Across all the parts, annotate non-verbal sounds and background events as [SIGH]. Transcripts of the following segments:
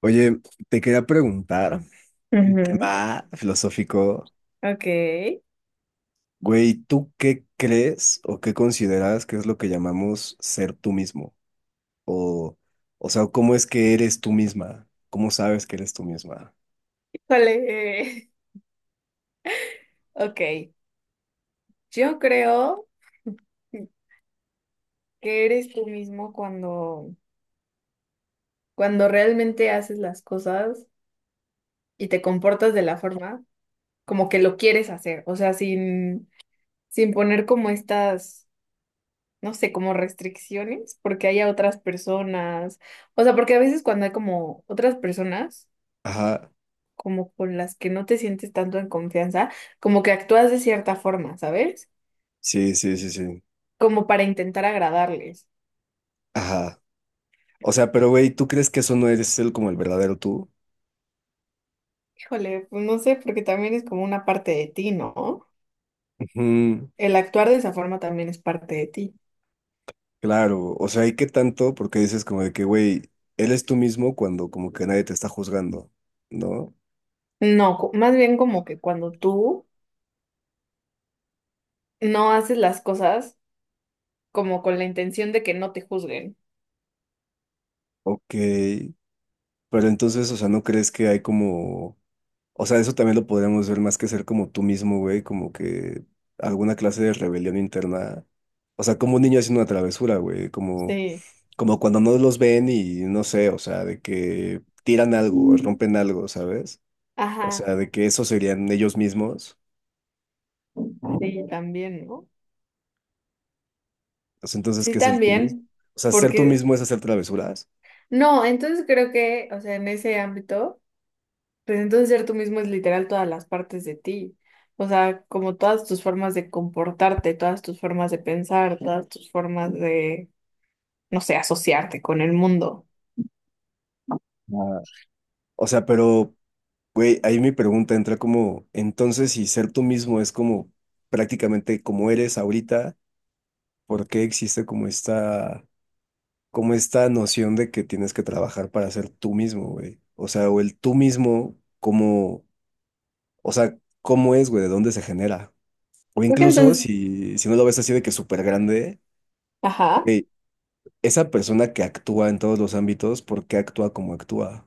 Oye, te quería preguntar un Ujú, tema filosófico. ok, Güey, ¿tú qué crees o qué consideras que es lo que llamamos ser tú mismo? O, o sea, ¿cómo es que eres tú misma? ¿Cómo sabes que eres tú misma? vale. [LAUGHS] Ok, yo creo que eres tú mismo cuando realmente haces las cosas y te comportas de la forma como que lo quieres hacer, o sea, sin poner como estas, no sé, como restricciones, porque haya otras personas. O sea, porque a veces cuando hay como otras personas, Ajá, como con las que no te sientes tanto en confianza, como que actúas de cierta forma, ¿sabes? sí, sí, sí, sí. Como para intentar agradarles. Ajá. O sea, pero güey, ¿tú crees que eso no eres el como el verdadero tú? Híjole, pues no sé, porque también es como una parte de ti, ¿no? Ujú. El actuar de esa forma también es parte de ti. Claro, o sea, ¿y qué tanto? Porque dices como de que, güey, eres tú mismo cuando como que nadie te está juzgando, ¿no? No, más bien como que cuando tú no haces las cosas como con la intención de que no te juzguen. Ok. Pero entonces, o sea, ¿no crees que hay como, o sea, eso también lo podríamos ver más que ser como tú mismo, güey, como que alguna clase de rebelión interna, o sea, como un niño haciendo una travesura, güey, como, Sí, como cuando no los ven y no sé, o sea, de que tiran algo, o mm, rompen algo, ¿sabes? O ajá, sea, de que eso serían ellos mismos. sí, también, ¿no? O sea, entonces, Sí, ¿qué es el tú mismo? también, O sea, ser tú porque mismo es hacer travesuras. no, entonces creo que, o sea, en ese ámbito, pues entonces ser tú mismo es literal todas las partes de ti. O sea, como todas tus formas de comportarte, todas tus formas de pensar, todas tus formas de, no sé, asociarte con el mundo. Ah, o sea, pero güey, ahí mi pregunta entra como, entonces si ser tú mismo es como prácticamente como eres ahorita, ¿por qué existe como esta noción de que tienes que trabajar para ser tú mismo, güey? O sea, o el tú mismo, como, o sea, ¿cómo es, güey? ¿De dónde se genera? O Creo que incluso entonces, si no lo ves así de que súper grande, ajá. güey, esa persona que actúa en todos los ámbitos, ¿por qué actúa como actúa?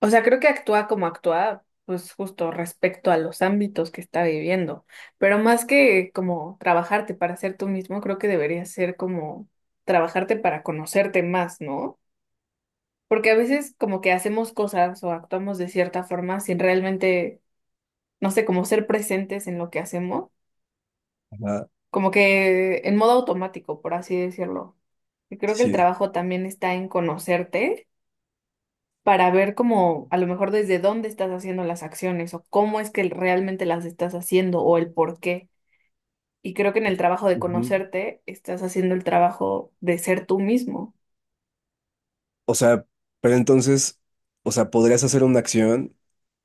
O sea, creo que actúa como actúa, pues justo respecto a los ámbitos que está viviendo. Pero más que como trabajarte para ser tú mismo, creo que debería ser como trabajarte para conocerte más, ¿no? Porque a veces como que hacemos cosas o actuamos de cierta forma sin realmente, no sé, como ser presentes en lo que hacemos, Ajá, como que en modo automático, por así decirlo. Y creo que el sí. trabajo también está en conocerte, para ver cómo, a lo mejor desde dónde estás haciendo las acciones o cómo es que realmente las estás haciendo o el por qué. Y creo que en el trabajo de Ujú. conocerte estás haciendo el trabajo de ser tú mismo. O sea, pero entonces, o sea, podrías hacer una acción.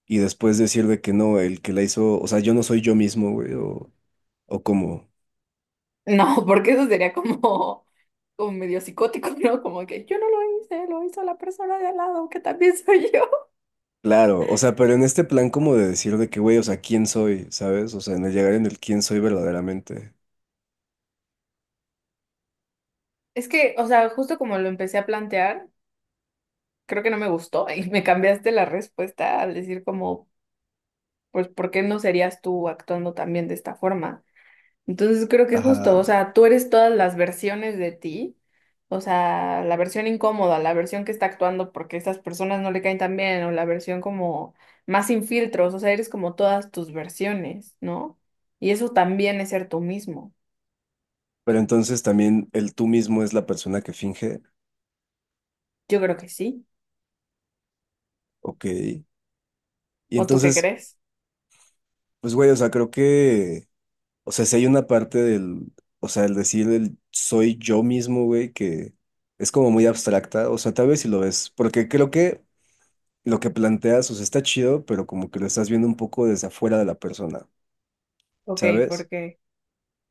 Y después decir de que no, el que la hizo, o sea, yo no soy yo mismo, güey, o como, No, [LAUGHS] porque eso sería como, medio psicótico, [LAUGHS] ¿no? Como que yo no lo hice, lo hizo la persona de al lado, que también soy yo. claro, o sea, pero en este plan como de decir de que, güey, o sea, ¿quién soy? ¿Sabes? O sea, en el llegar en el quién soy verdaderamente. Es que, o sea, justo como lo empecé a plantear, creo que no me gustó y me cambiaste la respuesta al decir como, pues, ¿por qué no serías tú actuando también de esta forma? Entonces creo que justo, o Ajá. sea, tú eres todas las versiones de ti, o sea, la versión incómoda, la versión que está actuando porque estas personas no le caen tan bien, o la versión como más sin filtros. O sea, eres como todas tus versiones, ¿no? Y eso también es ser tú mismo. Pero entonces también el tú mismo es la persona que finge, Yo creo que sí. ok. Y ¿O tú qué entonces, crees? pues, güey, o sea, creo que, o sea, si hay una parte del, o sea, el decir el soy yo mismo, güey, que es como muy abstracta, o sea, tal vez si lo ves, porque creo que... lo que planteas, o sea, está chido, pero como que lo estás viendo un poco desde afuera de la persona, Ok, ¿sabes? porque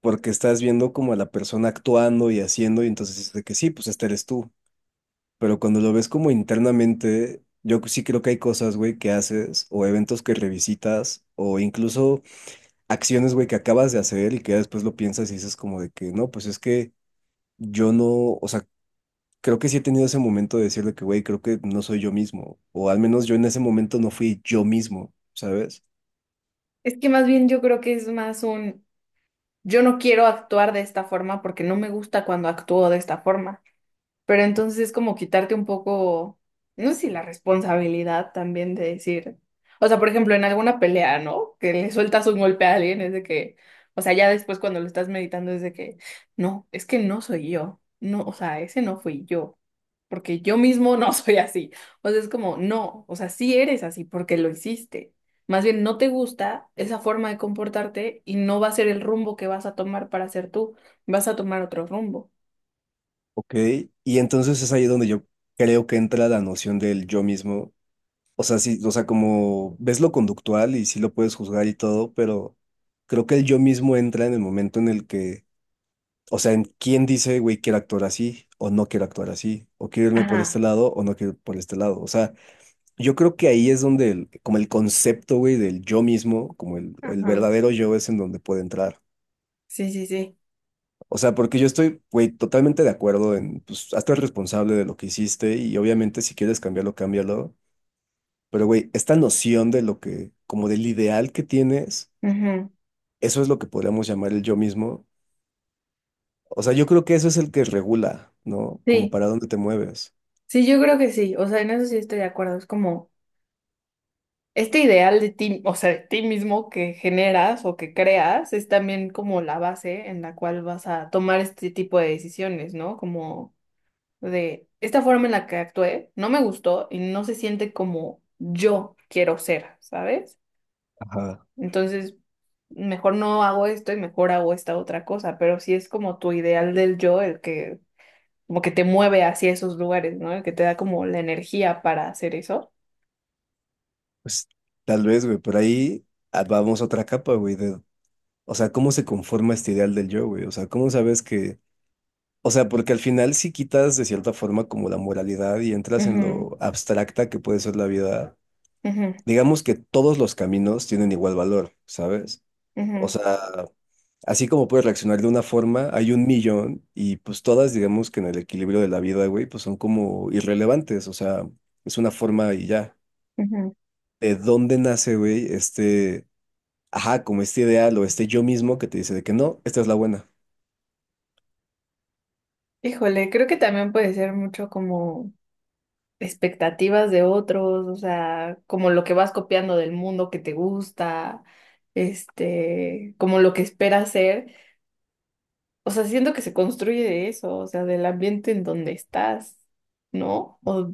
Porque estás viendo como a la persona actuando y haciendo, y entonces es de que sí, pues este eres tú. Pero cuando lo ves como internamente, yo sí creo que hay cosas, güey, que haces, o eventos que revisitas, o incluso acciones, güey, que acabas de hacer y que ya después lo piensas y dices como de que no, pues es que yo no, o sea, creo que sí he tenido ese momento de decir de que, güey, creo que no soy yo mismo, o al menos yo en ese momento no fui yo mismo, ¿sabes? es que más bien yo creo que es más un... Yo no quiero actuar de esta forma porque no me gusta cuando actúo de esta forma. Pero entonces es como quitarte un poco, no sé, si la responsabilidad también de decir, o sea, por ejemplo, en alguna pelea, ¿no? Que le sueltas un golpe a alguien, es de que, o sea, ya después cuando lo estás meditando es de que no, es que no soy yo, no, o sea, ese no fui yo, porque yo mismo no [LAUGHS] soy así. O sea, es como, no, o sea, sí eres así porque lo hiciste. Más bien, no te gusta esa forma de comportarte y no va a ser el rumbo que vas a tomar para ser tú, vas a tomar otro rumbo. Ok, y entonces es ahí donde yo creo que entra la noción del yo mismo. O sea, sí, o sea, como ves lo conductual y sí lo puedes juzgar y todo, pero creo que el yo mismo entra en el momento en el que, o sea, en quién dice, güey, quiero actuar así o no quiero actuar así, o quiero irme por este Ajá, lado o no quiero ir por este lado. O sea, yo creo que ahí es donde como el concepto, güey, del yo mismo, como el ajá. verdadero yo es en donde puede entrar. Sí, sí, sí. O sea, porque yo estoy, güey, totalmente de acuerdo en, pues, hazte responsable de lo que hiciste y obviamente si quieres cambiarlo, cámbialo. Pero, güey, esta noción de lo que, como del ideal que tienes, Ujú. eso es lo que podríamos llamar el yo mismo. O sea, yo creo que eso es el que regula, ¿no? Como Sí, para dónde te mueves. sí, yo creo que sí. O sea, en eso sí estoy de acuerdo. Es como este ideal de ti, o sea, de ti mismo, que generas o que creas, es también como la base en la cual vas a tomar este tipo de decisiones, ¿no? Como, de esta forma en la que actué, no me gustó y no se siente como yo quiero ser, ¿sabes? Ajá. Entonces, mejor no hago esto y mejor hago esta otra cosa, pero sí es como tu ideal del yo el que como que te mueve hacia esos lugares, ¿no? Que te da como la energía para hacer eso. Pues tal vez, güey, pero ahí ah, vamos a otra capa, güey, de, o sea, ¿cómo se conforma este ideal del yo, güey? O sea, ¿cómo sabes que o sea, porque al final sí quitas de cierta forma como la moralidad y entras en Ujú, lo abstracta que puede ser la vida. ujú, Digamos que todos los caminos tienen igual valor, ¿sabes? O ujú, sea, así como puedes reaccionar de una forma, hay un millón y pues todas, digamos que en el equilibrio de la vida, güey, pues son como irrelevantes, o sea, es una forma y ya. ujú. ¿De dónde nace, güey, este, ajá, como este ideal o este yo mismo que te dice de que no, esta es la buena? Híjole, creo que también puede ser mucho como expectativas de otros, o sea, como lo que vas copiando del mundo que te gusta, como lo que esperas ser. O sea, siento que se construye de eso, o sea, del ambiente en donde estás, ¿no? O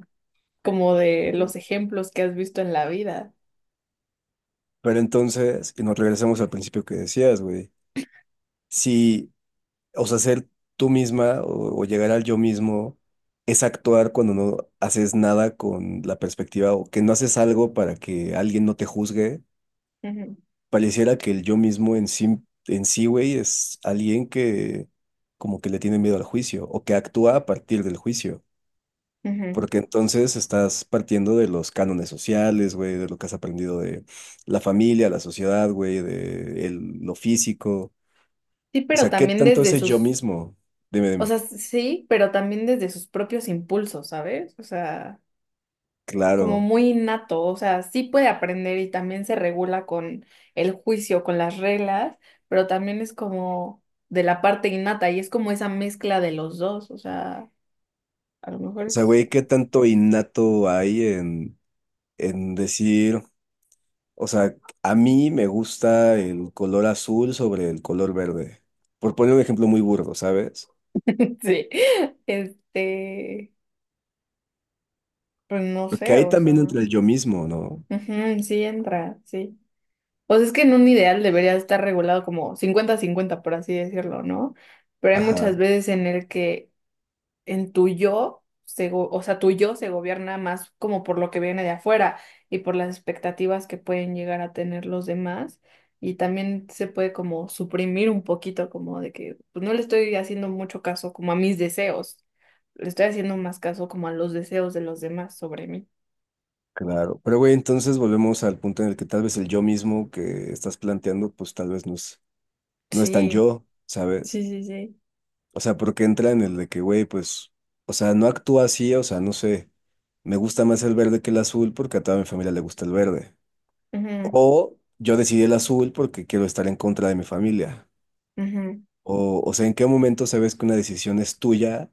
como de los ejemplos que has visto en la vida. Pero entonces, y nos regresamos al principio que decías, güey. Si o sea, ser tú misma o llegar al yo mismo es actuar cuando no haces nada con la perspectiva o que no haces algo para que alguien no te juzgue. Ujú, Pareciera que el yo mismo en sí, güey, es alguien que como que le tiene miedo al juicio o que actúa a partir del juicio. ujú. Porque entonces estás partiendo de los cánones sociales, güey, de lo que has aprendido de la familia, la sociedad, güey, de lo físico. Sí, O pero sea, ¿qué también tanto es desde el yo sus mismo? Dime, o dime. sea, sí, pero también desde sus propios impulsos, ¿sabes? O sea, como Claro. muy innato, o sea, sí puede aprender y también se regula con el juicio, con las reglas, pero también es como de la parte innata y es como esa mezcla de los dos, o sea, a lo mejor O sea, es... güey, ¿qué [LAUGHS] tanto innato hay en decir, o sea, a mí me gusta el color azul sobre el color verde? Por poner un ejemplo muy burdo, ¿sabes? Sí, este, pues no Porque sé, ahí o sea, también entra el yo mismo, ¿no? ujú, sí entra, sí. O sea, es que en un ideal debería estar regulado como 50-50, por así decirlo, ¿no? Pero hay Ajá, muchas veces en el que en tu yo, o sea, tu yo se gobierna más como por lo que viene de afuera y por las expectativas que pueden llegar a tener los demás. Y también se puede como suprimir un poquito, como de que pues, no le estoy haciendo mucho caso como a mis deseos, le estoy haciendo más caso como a los deseos de los demás sobre mí. claro. Pero, güey, entonces volvemos al punto en el que tal vez el yo mismo que estás planteando, pues tal vez no es, no es tan Sí, yo, ¿sabes? sí, sí, sí. O sea, porque entra en el de que, güey, pues, o sea, no actúa así, o sea, no sé, me gusta más el verde que el azul porque a toda mi familia le gusta el verde. Ujú, O yo decidí el azul porque quiero estar en contra de mi familia. ujú. O sea, ¿en qué momento sabes que una decisión es tuya?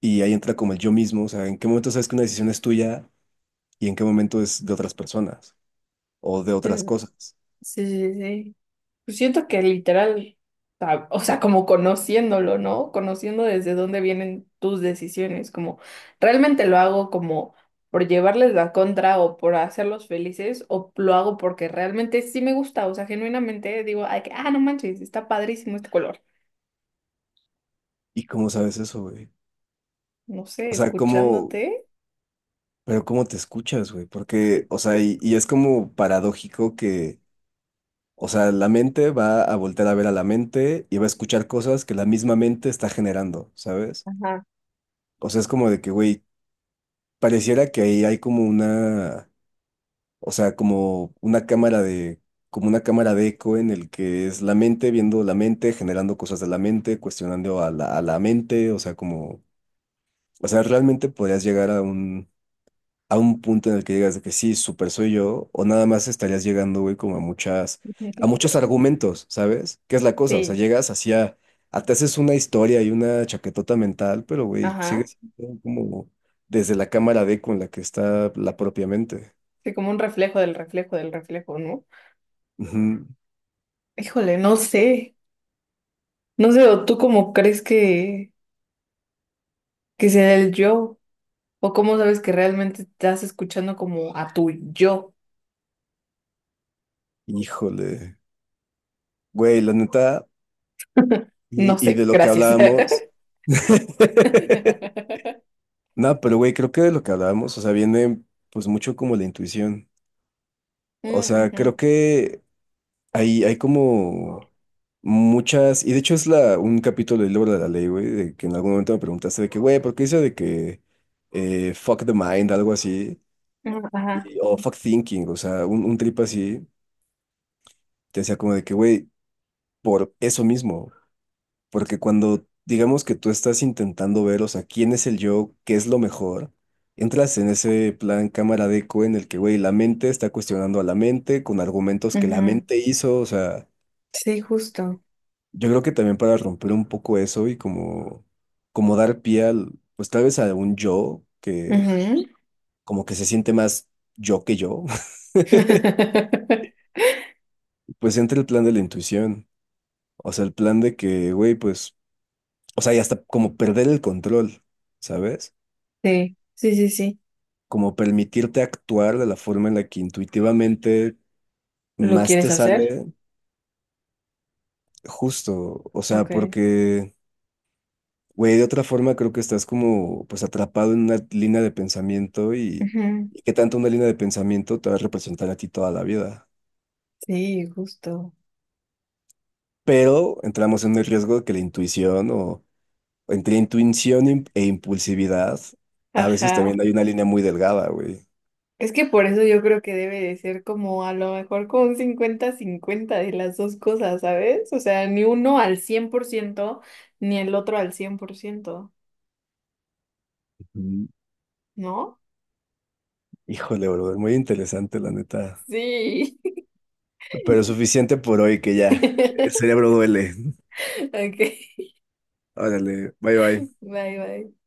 Y ahí entra como el yo mismo. O sea, ¿en qué momento sabes que una decisión es tuya y en qué momento es de otras personas o de otras Sí, cosas? sí, sí, sí. Pues siento que literal, o sea, como conociéndolo, ¿no? Conociendo desde dónde vienen tus decisiones, como, realmente lo hago como por llevarles la contra o por hacerlos felices, o lo hago porque realmente sí me gusta, o sea, genuinamente digo, ay, que, ah, no manches, está padrísimo este color. ¿Y cómo sabes eso, güey? No sé, O sea, ¿cómo, escuchándote. pero cómo te escuchas, güey? Porque, o sea, y es como paradójico que, o sea, la mente va a voltear a ver a la mente y va a escuchar cosas que la misma mente está generando, ¿sabes? Ajá. O sea, es como de que, güey, pareciera que ahí hay como una, o sea, como una cámara de, como una cámara de eco en el que es la mente viendo la mente, generando cosas de la mente, cuestionando a la mente, o sea, como, o sea, realmente podrías llegar a un punto en el que digas de que sí, súper soy yo, o nada más estarías llegando, güey, como a muchas, a muchos [LAUGHS] argumentos, ¿sabes? ¿Qué es la cosa? O sea, Sí, llegas hacia, a, te haces una historia y una chaquetota mental, pero, güey, ajá. sigues siendo como desde la cámara D con la que está la propia mente. Sí, como un reflejo del reflejo del reflejo, ¿no? Ujú. Híjole, no sé. No sé, ¿o tú cómo crees que sea el yo? ¿O cómo sabes que realmente estás escuchando como a tu yo? Híjole. Güey, la neta, [LAUGHS] No y de sé, lo que gracias. hablábamos. [LAUGHS] [LAUGHS] No, pero güey, creo que de lo que hablábamos, o sea, viene pues mucho como la intuición. O Mm, sea, creo ujú. que hay como muchas, y de hecho es la, un capítulo del libro de la ley, güey, de que en algún momento me preguntaste de que, güey, ¿por qué dice de que fuck the mind, algo así? Mm, ajá, O fuck thinking, o sea, un trip así, te decía como de que, güey, por eso mismo, porque cuando digamos que tú estás intentando ver, o sea, quién es el yo, qué es lo mejor, entras en ese plan cámara de eco en el que, güey, la mente está cuestionando a la mente con argumentos que la ujú. mente hizo, o sea... Sí, justo. Yo creo que también para romper un poco eso y como, como dar pie al, pues tal vez a un yo que Ujú. como que se siente más yo que yo, [LAUGHS] [LAUGHS] pues entra el plan de la intuición, o sea, el plan de que, güey, pues, o sea, y hasta como perder el control, ¿sabes? Sí, sí, sí, sí. Como permitirte actuar de la forma en la que intuitivamente ¿Lo más te quieres hacer? sale justo, o sea, Ok. porque... Güey, de otra forma creo que estás como pues atrapado en una línea de pensamiento Ujú. y qué tanto una línea de pensamiento te va a representar a ti toda la vida. Sí, justo. Pero entramos en el riesgo de que la intuición o entre intuición e impulsividad, a veces Ajá. también hay una línea muy delgada, güey. Es que por eso yo creo que debe de ser como a lo mejor como un 50-50 de las dos cosas, ¿sabes? O sea, ni uno al 100% ni el otro al 100%. Ujú. ¿No? Híjole, brother, muy interesante la neta. Sí. Pero suficiente por hoy que ya el [LAUGHS] cerebro duele. Ok, Órale, bye bye. bye, bye.